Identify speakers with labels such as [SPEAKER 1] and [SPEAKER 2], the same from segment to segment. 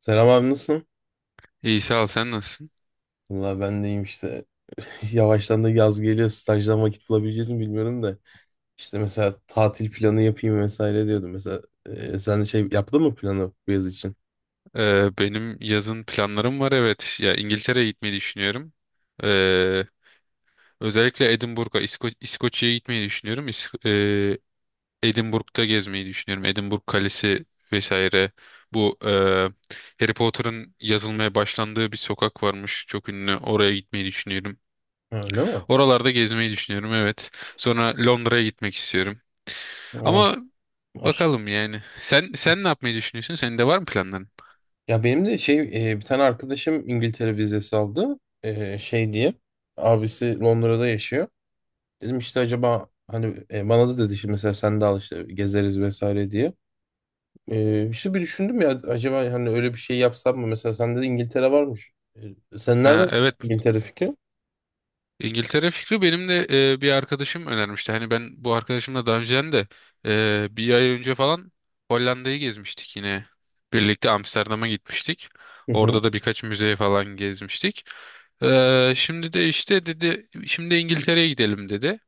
[SPEAKER 1] Selam abi nasılsın?
[SPEAKER 2] İyi sağ ol, sen nasılsın?
[SPEAKER 1] Valla ben de iyiyim işte. Yavaştan da yaz geliyor. Stajdan vakit bulabileceğiz mi bilmiyorum da. İşte mesela tatil planı yapayım vesaire diyordum. Mesela sen de şey yaptın mı planı bu yaz için?
[SPEAKER 2] Benim yazın planlarım var, evet. Ya İngiltere'ye gitmeyi düşünüyorum. Ee, Özellikle Edinburgh'a, İskoçya'ya gitmeyi düşünüyorum. Edinburgh'da gezmeyi düşünüyorum. Edinburgh Kalesi vesaire. Bu Harry Potter'ın yazılmaya başlandığı bir sokak varmış. Çok ünlü. Oraya gitmeyi düşünüyorum.
[SPEAKER 1] Ha, öyle mi?
[SPEAKER 2] Oralarda gezmeyi düşünüyorum, evet. Sonra Londra'ya gitmek istiyorum.
[SPEAKER 1] Ha,
[SPEAKER 2] Ama
[SPEAKER 1] aş-
[SPEAKER 2] bakalım yani. Sen ne yapmayı düşünüyorsun? Senin de var mı planların?
[SPEAKER 1] ya benim de şey bir tane arkadaşım İngiltere vizesi aldı. E, şey diye. Abisi Londra'da yaşıyor. Dedim işte acaba hani bana da dedi şimdi mesela sen de al işte gezeriz vesaire diye. İşte bir düşündüm ya acaba hani öyle bir şey yapsam mı? Mesela sen de İngiltere varmış. Sen
[SPEAKER 2] Ha,
[SPEAKER 1] nereden çıktı
[SPEAKER 2] evet.
[SPEAKER 1] İngiltere fikri?
[SPEAKER 2] İngiltere fikri benim de bir arkadaşım önermişti. Hani ben bu arkadaşımla daha önceden de bir ay önce falan Hollanda'yı gezmiştik yine. Birlikte Amsterdam'a gitmiştik.
[SPEAKER 1] Hı hı.
[SPEAKER 2] Orada da birkaç müzeye falan gezmiştik. E, şimdi de işte dedi şimdi İngiltere'ye gidelim dedi.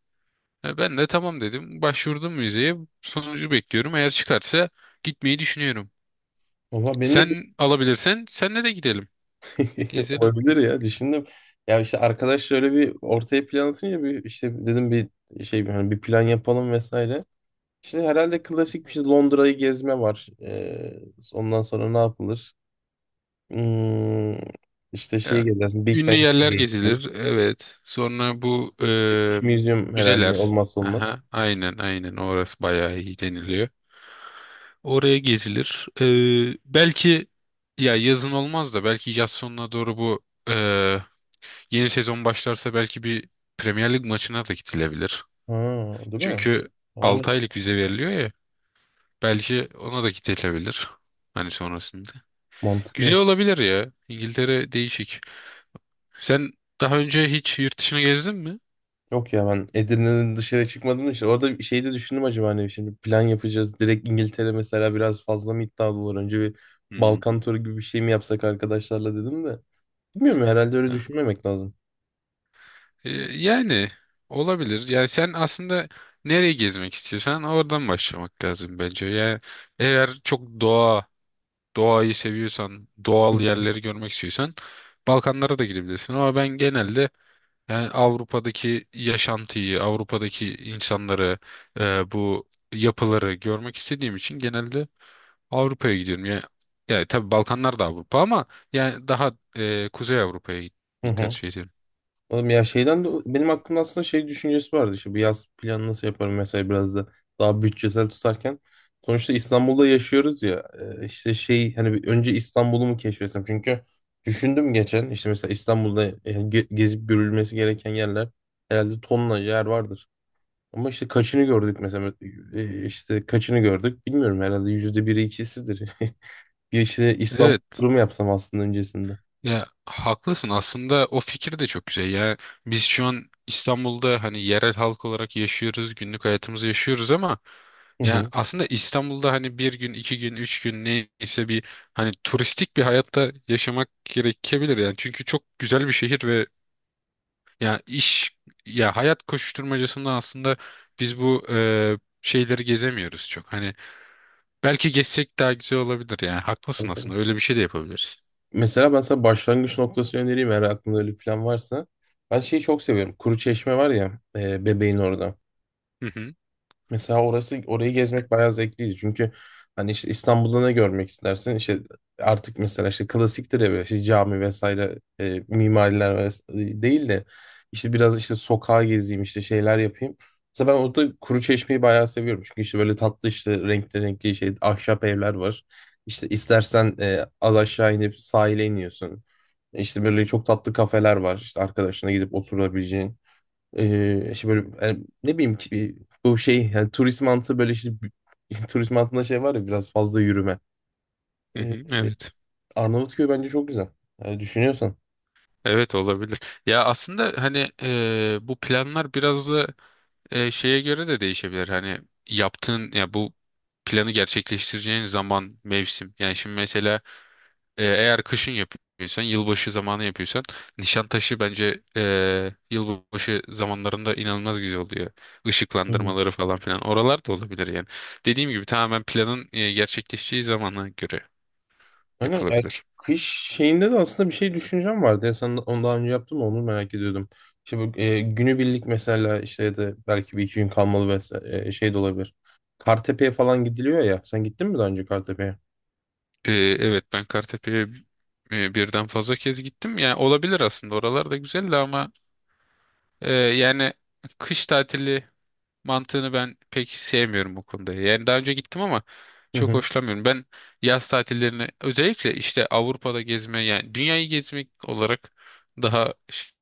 [SPEAKER 2] E, ben de tamam dedim. Başvurdum müzeye. Sonucu bekliyorum. Eğer çıkarsa gitmeyi düşünüyorum.
[SPEAKER 1] Valla benim de bir
[SPEAKER 2] Sen alabilirsen senle de gidelim. Gezelim.
[SPEAKER 1] olabilir ya düşündüm. Ya işte arkadaş şöyle bir ortaya plan atınca bir işte dedim bir şey hani bir plan yapalım vesaire. İşte herhalde klasik bir şey Londra'yı gezme var. Ondan sonra ne yapılır? Hmm, işte şeyi
[SPEAKER 2] Ya,
[SPEAKER 1] gezersin. Big
[SPEAKER 2] ünlü
[SPEAKER 1] Bang
[SPEAKER 2] yerler
[SPEAKER 1] görürsün.
[SPEAKER 2] gezilir. Evet. Sonra bu
[SPEAKER 1] British Museum herhalde
[SPEAKER 2] müzeler.
[SPEAKER 1] olmazsa olmaz.
[SPEAKER 2] Aha, aynen aynen, orası bayağı iyi deniliyor. Oraya gezilir. E, belki ya yazın olmaz da belki yaz sonuna doğru bu e, yeni sezon başlarsa belki bir Premier Lig maçına da gidilebilir.
[SPEAKER 1] Ha, değil mi?
[SPEAKER 2] Çünkü
[SPEAKER 1] Aynen.
[SPEAKER 2] 6 aylık vize veriliyor ya. Belki ona da gidilebilir. Hani sonrasında. Güzel
[SPEAKER 1] Mantıklı.
[SPEAKER 2] olabilir ya. İngiltere değişik. Sen daha önce hiç yurt dışına gezdin mi?
[SPEAKER 1] Yok ya ben Edirne'den dışarı çıkmadım işte. Orada bir şey de düşündüm acaba hani şimdi plan yapacağız. Direkt İngiltere mesela biraz fazla mı iddialı olur? Önce bir
[SPEAKER 2] Hmm.
[SPEAKER 1] Balkan turu gibi bir şey mi yapsak arkadaşlarla dedim de. Bilmiyorum herhalde öyle
[SPEAKER 2] Ha.
[SPEAKER 1] düşünmemek lazım.
[SPEAKER 2] Yani olabilir. Yani sen aslında nereye gezmek istiyorsan oradan başlamak lazım bence. Yani eğer çok doğa, doğayı seviyorsan,
[SPEAKER 1] Hı
[SPEAKER 2] doğal
[SPEAKER 1] hı.
[SPEAKER 2] yerleri görmek istiyorsan Balkanlara da gidebilirsin. Ama ben genelde yani Avrupa'daki yaşantıyı, Avrupa'daki insanları, bu yapıları görmek istediğim için genelde Avrupa'ya gidiyorum. Yani, yani tabii Balkanlar da Avrupa ama yani daha Kuzey Avrupa'ya
[SPEAKER 1] Hı
[SPEAKER 2] gitmeyi
[SPEAKER 1] hı.
[SPEAKER 2] tercih ediyorum.
[SPEAKER 1] Oğlum ya şeyden de benim aklımda aslında şey düşüncesi vardı işte bir yaz planı nasıl yaparım mesela biraz da daha bütçesel tutarken. Sonuçta İstanbul'da yaşıyoruz ya işte şey hani bir önce İstanbul'u mu keşfetsem çünkü düşündüm geçen işte mesela İstanbul'da gezip görülmesi gereken yerler herhalde tonla yer vardır. Ama işte kaçını gördük mesela. E, işte kaçını gördük bilmiyorum herhalde yüzde biri ikisidir. Bir işte İstanbul
[SPEAKER 2] Evet.
[SPEAKER 1] turu mu yapsam aslında öncesinde.
[SPEAKER 2] Ya haklısın, aslında o fikir de çok güzel ya, biz şu an İstanbul'da hani yerel halk olarak yaşıyoruz, günlük hayatımızı yaşıyoruz ama
[SPEAKER 1] Hı
[SPEAKER 2] ya
[SPEAKER 1] hı.
[SPEAKER 2] aslında İstanbul'da hani bir gün, iki gün, üç gün neyse bir hani turistik bir hayatta yaşamak gerekebilir yani, çünkü çok güzel bir şehir ve ya iş, ya hayat koşuşturmacasında aslında biz bu şeyleri gezemiyoruz çok hani, belki gezsek daha güzel olabilir yani, haklısın
[SPEAKER 1] Tabii tabii.
[SPEAKER 2] aslında, öyle bir şey de yapabiliriz.
[SPEAKER 1] Mesela ben sana başlangıç noktası önereyim eğer aklında öyle bir plan varsa. Ben şeyi çok seviyorum. Kuru Çeşme var ya Bebeğin orada.
[SPEAKER 2] Hı hı,
[SPEAKER 1] Mesela orası orayı gezmek bayağı zevkliydi. Çünkü hani işte İstanbul'da ne görmek istersin? İşte artık mesela işte klasiktir ya böyle işte cami vesaire mimariler değil de işte biraz işte sokağa gezeyim işte şeyler yapayım. Mesela ben orada Kuruçeşme'yi bayağı seviyorum. Çünkü işte böyle tatlı işte renkli renkli şey ahşap evler var. İşte istersen az aşağı inip sahile iniyorsun. İşte böyle çok tatlı kafeler var. İşte arkadaşına gidip oturabileceğin. Şey böyle yani ne bileyim ki bu şey yani turist mantığı böyle işte turist mantığında şey var ya biraz fazla yürüme.
[SPEAKER 2] hı
[SPEAKER 1] Ee,
[SPEAKER 2] hı, evet.
[SPEAKER 1] Arnavutköy bence çok güzel. Yani düşünüyorsan.
[SPEAKER 2] Evet, olabilir. Ya aslında hani bu planlar biraz da şeye göre de değişebilir. Hani yaptığın ya bu planı gerçekleştireceğin zaman, mevsim. Yani şimdi mesela eğer kışın yapıyorsan, yılbaşı zamanı yapıyorsan Nişantaşı bence yılbaşı zamanlarında inanılmaz güzel oluyor.
[SPEAKER 1] Hı.
[SPEAKER 2] Işıklandırmaları falan filan. Oralar da olabilir yani. Dediğim gibi tamamen planın gerçekleşeceği zamana göre
[SPEAKER 1] Aynen. Yani
[SPEAKER 2] yapılabilir.
[SPEAKER 1] kış şeyinde de aslında bir şey düşüncem vardı. Ya sen onu daha önce yaptın mı onu merak ediyordum. İşte bu günübirlik mesela işte ya da belki bir iki gün kalmalı vesaire şey de olabilir. Kartepe'ye falan gidiliyor ya. Sen gittin mi daha önce Kartepe'ye?
[SPEAKER 2] Evet, ben Kartepe'ye birden fazla kez gittim. Yani olabilir, aslında oralar da güzeldi ama yani kış tatili mantığını ben pek sevmiyorum bu konuda. Yani daha önce gittim ama çok hoşlanmıyorum. Ben yaz tatillerini özellikle işte Avrupa'da gezme yani dünyayı gezmek olarak daha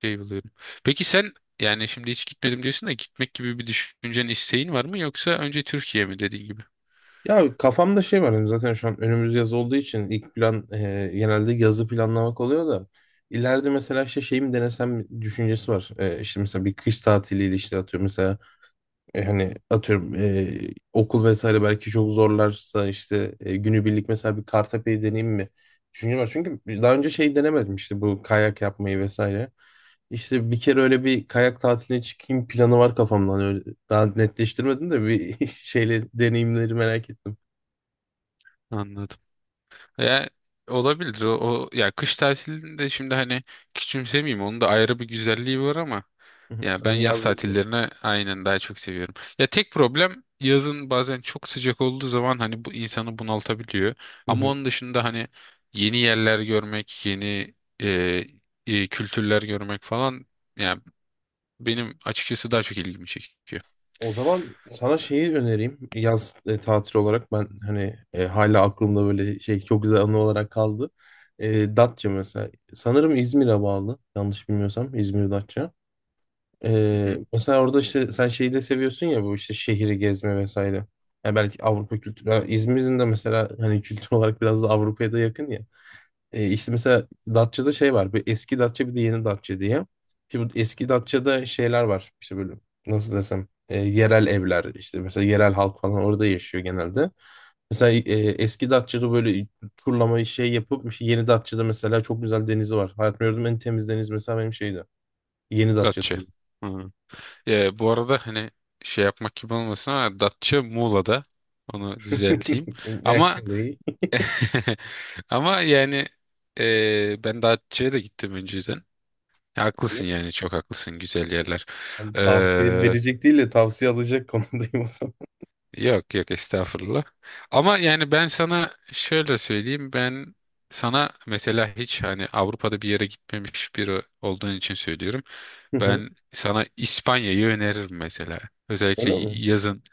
[SPEAKER 2] şey buluyorum. Peki sen yani şimdi hiç gitmedim diyorsun da gitmek gibi bir düşüncen, isteğin var mı, yoksa önce Türkiye mi dediğin gibi?
[SPEAKER 1] Ya kafamda şey var benim zaten şu an önümüz yaz olduğu için ilk plan genelde yazı planlamak oluyor da ileride mesela işte şey mi denesem düşüncesi var. E, işte mesela bir kış tatiliyle işte atıyorum mesela hani atıyorum okul vesaire belki çok zorlarsa işte günübirlik mesela bir Kartepe'yi deneyeyim mi? Düşünce var. Çünkü daha önce şey denemedim işte bu kayak yapmayı vesaire. İşte bir kere öyle bir kayak tatiline çıkayım planı var kafamdan öyle. Daha netleştirmedim de bir şeyle deneyimleri merak ettim.
[SPEAKER 2] Anladım. Ya olabilir ya kış tatilinde şimdi hani küçümsemeyeyim, onun da ayrı bir güzelliği var ama
[SPEAKER 1] Hı hı.
[SPEAKER 2] ya ben
[SPEAKER 1] Sen
[SPEAKER 2] yaz
[SPEAKER 1] yaz yazılım.
[SPEAKER 2] tatillerini aynen daha çok seviyorum. Ya tek problem yazın bazen çok sıcak olduğu zaman hani bu insanı bunaltabiliyor.
[SPEAKER 1] Hı
[SPEAKER 2] Ama
[SPEAKER 1] hı.
[SPEAKER 2] onun dışında hani yeni yerler görmek, yeni e, kültürler görmek falan ya benim açıkçası daha çok ilgimi çekiyor.
[SPEAKER 1] O zaman sana şeyi önereyim. Yaz tatil olarak ben hani hala aklımda böyle şey çok güzel anı olarak kaldı. Datça mesela. Sanırım İzmir'e bağlı. Yanlış bilmiyorsam İzmir Datça.
[SPEAKER 2] Hı hı.
[SPEAKER 1] Mesela orada işte sen şeyi de seviyorsun ya bu işte şehri gezme vesaire. Yani belki Avrupa kültürü. Ha, İzmir'in de mesela hani kültür olarak biraz da Avrupa'ya da yakın ya. İşte mesela Datça'da şey var. Bir eski Datça bir de yeni Datça diye. Şimdi bu eski Datça'da şeyler var. İşte böyle nasıl desem yerel evler işte mesela yerel halk falan orada yaşıyor genelde. Mesela eski Datça'da böyle turlamayı şey yapıp işte yeni Datça'da mesela çok güzel denizi var. Hayatımda gördüğüm en temiz deniz mesela benim şeydi. Yeni
[SPEAKER 2] Datça.
[SPEAKER 1] Datça'daydı.
[SPEAKER 2] Hı. Ya, bu arada hani şey yapmak gibi olmasın ama Datça Muğla'da. Onu düzelteyim. Ama
[SPEAKER 1] Actually.
[SPEAKER 2] ama yani ben Datça'ya da gittim önceden. Haklısın yani, çok haklısın, güzel yerler.
[SPEAKER 1] Yani tavsiye verecek değil de tavsiye alacak konumdayım o zaman.
[SPEAKER 2] Yok yok, estağfurullah. Ama yani ben sana şöyle söyleyeyim. Ben sana mesela hiç hani Avrupa'da bir yere gitmemiş biri olduğun için söylüyorum.
[SPEAKER 1] Hı hı.
[SPEAKER 2] Ben sana İspanya'yı öneririm mesela. Özellikle
[SPEAKER 1] Öyle mi?
[SPEAKER 2] yazın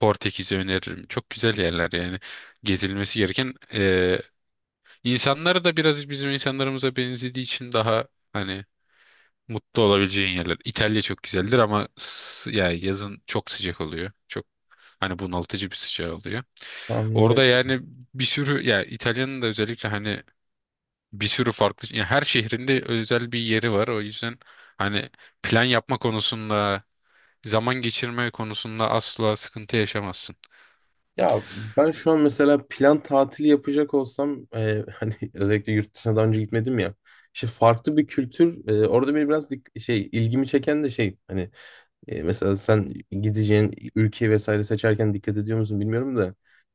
[SPEAKER 2] Portekiz'i öneririm. Çok güzel yerler yani, gezilmesi gereken. İnsanları da biraz bizim insanlarımıza benzediği için daha hani mutlu olabileceğin yerler. İtalya çok güzeldir ama yani yazın çok sıcak oluyor. Çok hani bunaltıcı bir sıcağı oluyor.
[SPEAKER 1] Tahmin.
[SPEAKER 2] Orada yani bir sürü ya İtalya'nın da özellikle hani bir sürü farklı ya her şehrinde özel bir yeri var. O yüzden hani plan yapma konusunda, zaman geçirme konusunda asla sıkıntı yaşamazsın.
[SPEAKER 1] Ya ben şu an mesela plan tatili yapacak olsam hani özellikle yurt dışına daha önce gitmedim ya. İşte farklı bir kültür orada beni biraz şey ilgimi çeken de şey hani mesela sen gideceğin ülke vesaire seçerken dikkat ediyor musun bilmiyorum da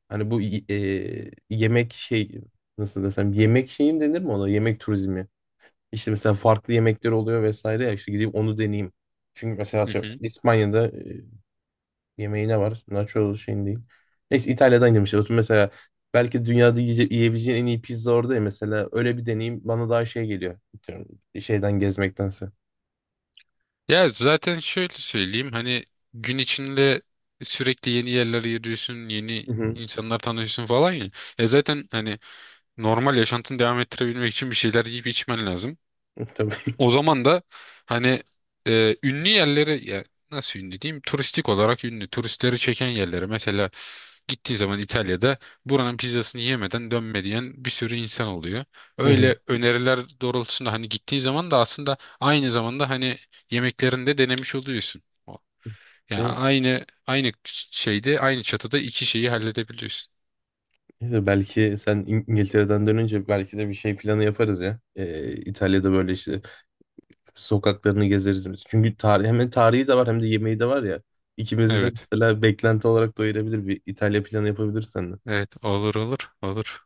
[SPEAKER 1] hani bu yemek şey nasıl desem yemek şeyim denir mi ona yemek turizmi. İşte mesela farklı yemekler oluyor vesaire ya işte gideyim onu deneyeyim. Çünkü mesela
[SPEAKER 2] Hı
[SPEAKER 1] atıyorum
[SPEAKER 2] hı.
[SPEAKER 1] İspanya'da yemeğine var. Nacho şeyin değil. Neyse İtalya'dan yemiş olsun. Mesela belki dünyada yiyebileceğin en iyi pizza orada ya. Mesela öyle bir deneyim bana daha şey geliyor. Atıyorum, şeyden gezmektense.
[SPEAKER 2] Ya zaten şöyle söyleyeyim hani gün içinde sürekli yeni yerlere yürüyorsun,
[SPEAKER 1] Hı
[SPEAKER 2] yeni
[SPEAKER 1] hı.
[SPEAKER 2] insanlar tanıyorsun falan ya. Ya zaten hani normal yaşantını devam ettirebilmek için bir şeyler yiyip içmen lazım.
[SPEAKER 1] Tabii.
[SPEAKER 2] O zaman da hani ünlü yerleri ya nasıl ünlü diyeyim? Turistik olarak ünlü. Turistleri çeken yerleri mesela gittiği zaman İtalya'da buranın pizzasını yemeden dönme diyen bir sürü insan oluyor.
[SPEAKER 1] Hı hı.
[SPEAKER 2] Öyle öneriler doğrultusunda hani gittiği zaman da aslında aynı zamanda hani yemeklerini de denemiş oluyorsun. O- Ya
[SPEAKER 1] Değil mi?
[SPEAKER 2] aynı şeyde aynı çatıda iki şeyi halledebiliyorsun.
[SPEAKER 1] Neyse, belki sen İngiltere'den dönünce belki de bir şey planı yaparız ya. İtalya'da böyle işte sokaklarını gezeriz biz. Çünkü tarih, hem tarihi de var hem de yemeği de var ya. İkimizi de
[SPEAKER 2] Evet.
[SPEAKER 1] mesela beklenti olarak doyurabilir bir İtalya planı yapabilirsen.
[SPEAKER 2] Evet, olur.